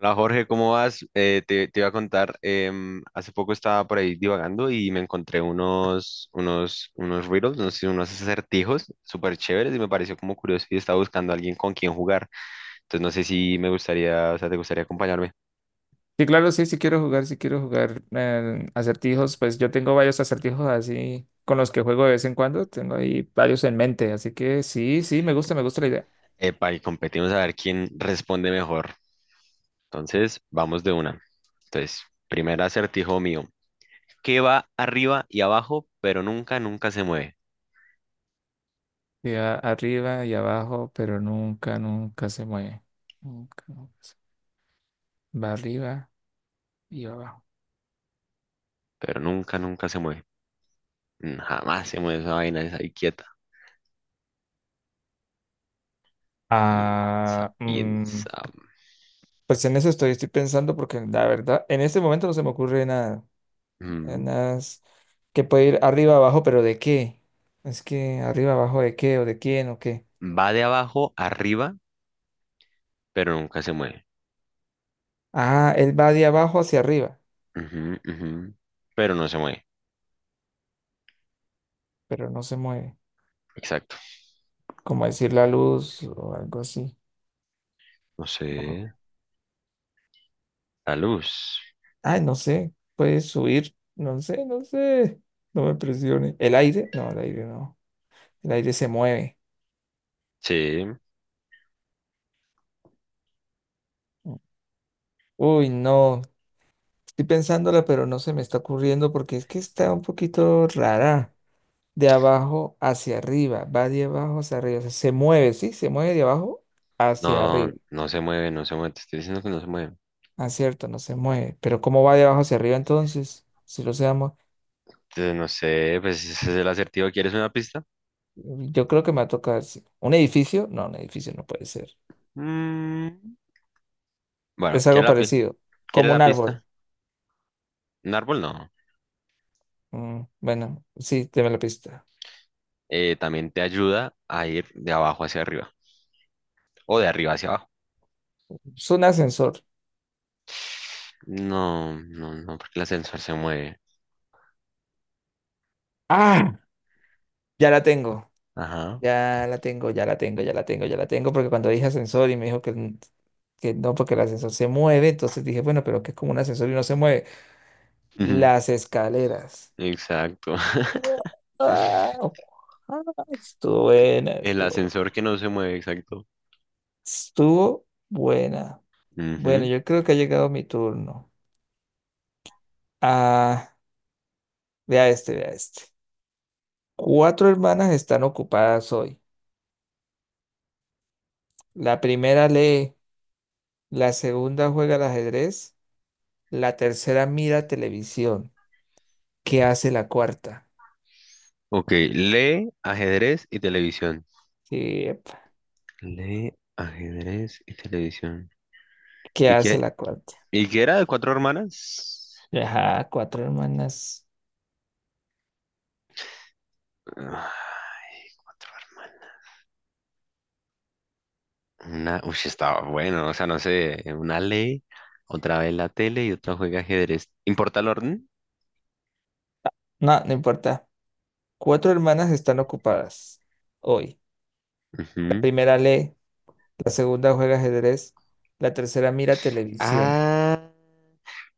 Hola Jorge, ¿cómo vas? Te iba a contar, hace poco estaba por ahí divagando y me encontré unos riddles, no sé, si unos acertijos súper chéveres y me pareció como curioso y estaba buscando a alguien con quien jugar. Entonces no sé si me gustaría, o sea, te gustaría acompañarme. Sí, claro, sí, sí quiero jugar acertijos, pues yo tengo varios acertijos así con los que juego de vez en cuando, tengo ahí varios en mente, así que sí, sí, me gusta la idea. Epa, y competimos a ver quién responde mejor. Entonces, vamos de una. Entonces, primer acertijo mío. ¿Qué va arriba y abajo, pero nunca, nunca se mueve? Y arriba y abajo, pero nunca, nunca se mueve. Nunca, Va arriba y va abajo. Pero nunca, nunca se mueve. Mm, jamás se mueve esa vaina, esa ahí quieta. Piensa, Ah, piensa. pues en eso estoy pensando porque la verdad, en este momento no se me ocurre nada, eh, Ujú. nada es- que puede ir arriba, abajo, pero ¿de qué? Es que arriba, abajo, ¿de qué? ¿O de quién? ¿O qué? Va de abajo arriba, pero nunca se mueve. Ah, él va de abajo hacia arriba, Ujú, ujú. Pero no se mueve. pero no se mueve. Exacto. Como decir la luz o algo así. No sé. O- La luz. Ay, no sé. Puede subir. No sé, no sé. No me presione. ¿El aire? No, el aire no. El aire se mueve. Sí. Uy, no. Estoy pensándola, pero no se me está ocurriendo porque es que está un poquito rara. De abajo hacia arriba. Va de abajo hacia arriba. O sea, se mueve, ¿sí? Se mueve de abajo hacia No, arriba. no se mueve, no se mueve. Te estoy diciendo que no se mueve. Ah, cierto, no se mueve. Pero ¿cómo va de abajo hacia arriba entonces? Si lo se. Entonces, no sé, pues ese es el acertijo. ¿Quieres una pista? Yo creo que me va a tocar. Sí. ¿Un edificio? No, un edificio no puede ser. Mm, bueno, Es algo parecido. ¿quieres Como un la árbol. pista? Un árbol no. Bueno, sí, deme la pista. También te ayuda a ir de abajo hacia arriba. O de arriba hacia abajo. Es un ascensor. No, no, no, porque el ascensor se mueve. ¡Ah! Ya la tengo. Ajá. Ya la tengo, ya la tengo, ya la tengo, ya la tengo. Porque cuando dije ascensor y me dijo que, que no, porque el ascensor se mueve, entonces dije, bueno, pero que es como un ascensor y no se mueve. Las escaleras. Exacto. ¡Guau! Ah, estuvo buena, El estuvo buena. ascensor que no se mueve, exacto. Estuvo buena. Bueno, Ujú. yo creo que ha llegado mi turno. Ah, vea este, vea este. Cuatro hermanas están ocupadas hoy. La primera lee, la segunda juega al ajedrez, la tercera mira televisión. ¿Qué hace la cuarta? Ok, lee, ajedrez y televisión. ¿Qué, Lee, ajedrez y televisión. qué ¿Y hace qué? la cuarta? ¿Y qué era de cuatro hermanas? Ajá, cuatro hermanas. Ah, cuatro hermanas. Una, uy, estaba bueno, o sea, no sé, una lee, otra ve la tele y otra juega ajedrez. ¿Importa el orden? No, no importa. Cuatro hermanas están ocupadas hoy. La Ujú. primera lee, la segunda juega ajedrez, la tercera mira televisión. Ah,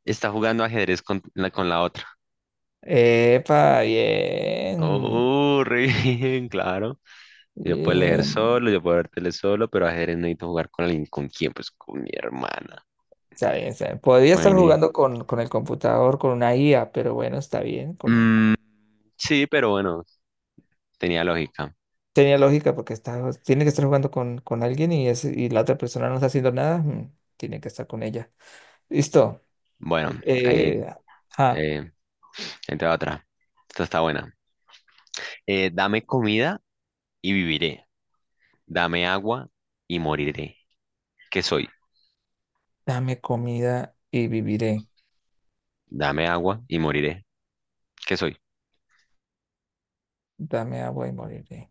está jugando ajedrez con la otra. Epa, bien, Oh, re bien, claro. Yo puedo leer bien. solo, yo puedo ver tele solo, pero ajedrez necesito jugar con alguien. ¿Con quién? Pues con mi hermana. Está bien, está bien. Podría estar Bueno, jugando con, el computador, con una IA, pero bueno, está bien. Con... mm, sí, pero bueno, tenía lógica. Tenía lógica porque tiene que estar jugando con alguien y la otra persona no está haciendo nada. Tiene que estar con ella. Listo. Bueno, ahí, Eh, ah, eh, ahí te va otra. Esta está buena. Dame comida y viviré. Dame agua y moriré. ¿Qué soy? dame comida y viviré. Dame agua y moriré. ¿Qué soy? Dame agua y moriré.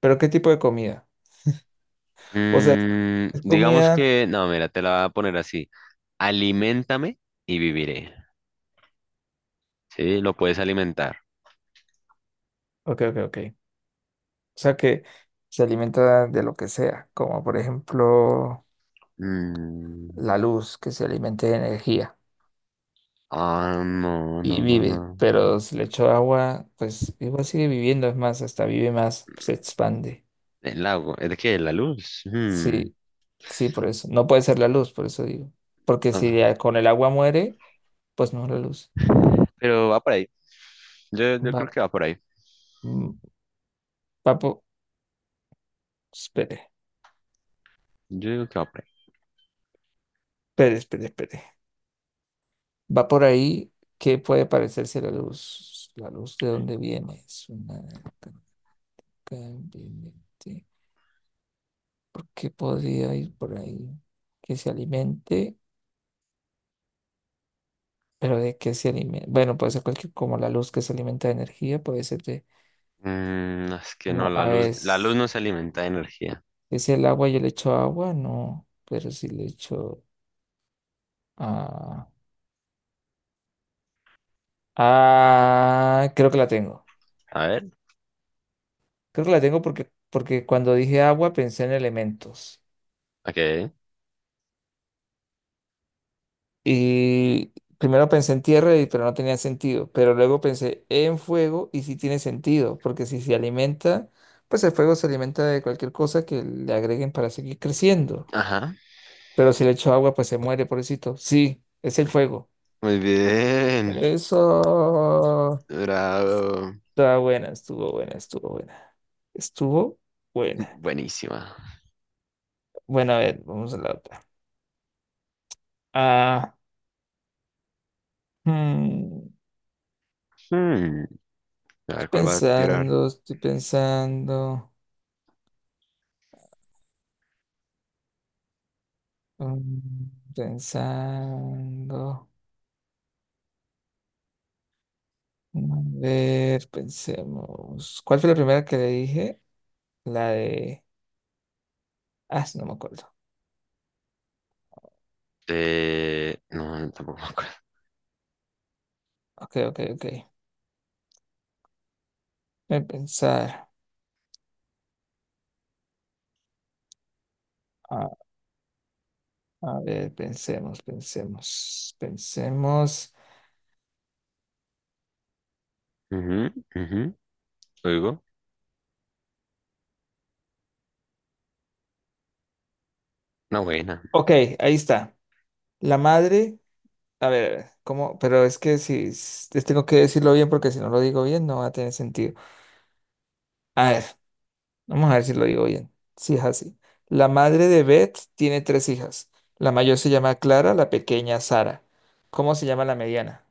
¿Pero qué tipo de comida? O sea, Mm, es digamos comida. que, no, mira, te la voy a poner así. Aliméntame y viviré. Sí, lo puedes alimentar. Ok, ok, ok. O sea que se alimenta de lo que sea, como por ejemplo, Mm, la luz que se alimente de energía ah, no, y no, no, vive, no. pero si le echo agua, pues igual sigue viviendo, es más, hasta vive más, pues, se expande. El lago, ¿es de qué? ¿La luz? Hmm, Sí, sí, por eso. No puede ser la luz, por eso digo. Porque no. si ya con el agua muere, pues no es la luz. Pero va por ahí. Yo Va, creo que va por ahí. mm, va por... Espere, Yo digo que va por ahí. espere, espere, espere. Va por ahí, ¿qué puede parecerse a la luz? La luz de dónde viene. Es una... ¿Qué podría ir por ahí? Que se alimente. Pero de qué se alimenta. Bueno, puede ser cualquier, como la luz que se alimenta de energía, puede ser de, Mm, es que no, como a la luz veces, no se alimenta de energía. es el agua, yo le echo agua, no, pero si le echo. Ah, ah, creo que la tengo. A ver, Creo que la tengo porque cuando dije agua pensé en elementos. ok. Y primero pensé en tierra, pero no tenía sentido. Pero luego pensé en fuego y sí tiene sentido, porque si se alimenta, pues el fuego se alimenta de cualquier cosa que le agreguen para seguir creciendo. Ajá. Pero si le echo agua, pues se muere, pobrecito. Sí, es el fuego. Muy bien. Eso. Bravo. Está buena, estuvo buena, estuvo buena. Estuvo buena. Buenísima. Bueno, a ver, vamos a la otra. Ah, hmm, Hmm, a estoy ver, ¿cuál va a tirar? pensando, estoy pensando. Pensando. A ver, pensemos. ¿Cuál fue la primera que le dije? La de. Ah, no me acuerdo. No, no, tampoco me acuerdo. Ok, ok, ok. Voy a pensar. A ver, pensemos, pensemos, pensemos. Ujú, ujú. Oigo. Una buena. Ok, ahí está. La madre, a ver, ¿cómo? Pero es que si les tengo que decirlo bien porque si no lo digo bien no va a tener sentido. A ver, vamos a ver si lo digo bien. Sí, es así. La madre de Beth tiene tres hijas. La mayor se llama Clara, la pequeña Sara. ¿Cómo se llama la mediana?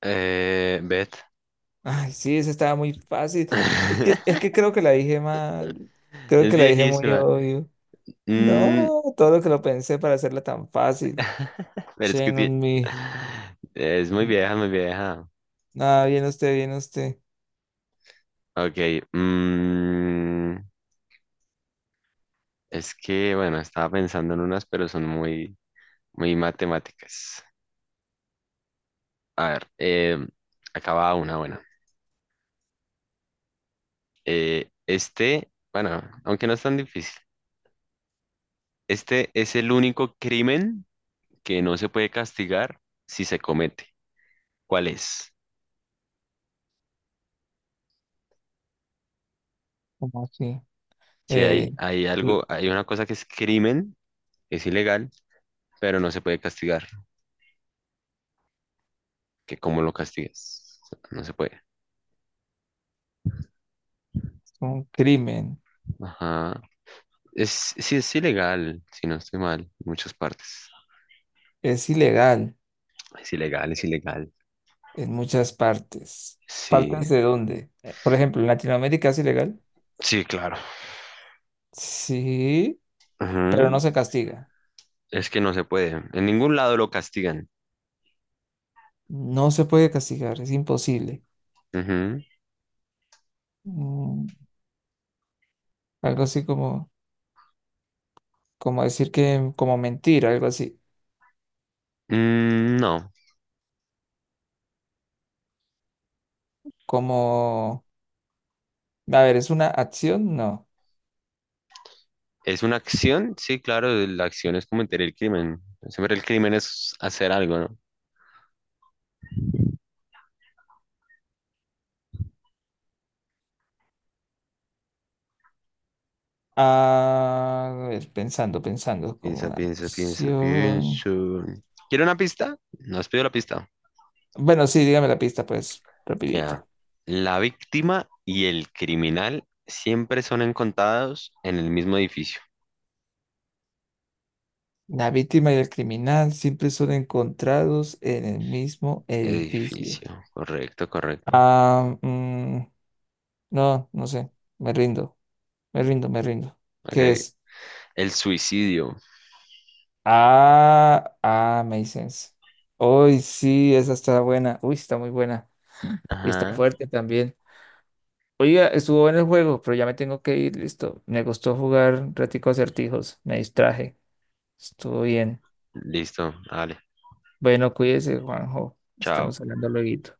Beth. Ay, sí, esa estaba muy fácil. Es que, es que creo que la dije mal. Creo Es que la dije muy viejísima. obvio. Mm, No, todo lo que lo pensé para hacerla tan fácil. Pero es que Shame ti- on me. es muy No, vieja, muy vieja. nada, bien usted, bien usted. Ok, mm, es que, bueno, estaba pensando en unas, pero son muy, muy matemáticas. A ver, acaba una, bueno. Este, bueno, aunque no es tan difícil, este es el único crimen que no se puede castigar si se comete. ¿Cuál es? ¿Cómo así? Si hay, Eh, hay algo, l- hay una cosa que es crimen, es ilegal, pero no se puede castigar. Que cómo lo castigas. O sea, no se puede. un crimen. Ajá. Es, sí, es ilegal, si no estoy mal, en muchas partes. Es ilegal Es ilegal, es ilegal. en muchas partes. Sí, ¿Partes de dónde? Por ejemplo, en Latinoamérica es ilegal. sí, claro. Sí, pero Ujú. no se castiga. Es que no se puede. En ningún lado lo castigan. No se puede castigar, es imposible. Ujú. Mm, algo así como, decir que, como mentir, algo así. Mm, no. Como, a ver, ¿es una acción? No. ¿Es una acción? Sí, claro, la acción es cometer el crimen. Siempre el crimen es hacer algo, ¿no? Ah, a ver, pensando, pensando, como Piensa, piensa, piensa, acción. piensa. ¿Quiere una pista? No has pedido la pista. Bueno, sí, dígame la pista, pues, Mira, rapidito. la víctima y el criminal siempre son encontrados en el mismo edificio. La víctima y el criminal siempre son encontrados en el mismo edificio. Edificio, correcto, correcto. Ah, no, no sé. Me rindo, me rindo, me rindo. ¿Qué Ok. es? El suicidio. Ah, Masons. Uy, sí, esa está buena. Uy, está muy buena. Y está Ajá. fuerte también. Oiga, estuvo en el juego, pero ya me tengo que ir, listo. Me gustó jugar un ratico acertijos, me distraje. Estuvo bien. Listo, vale. Bueno, cuídese, Juanjo. Chao. Estamos hablando luego.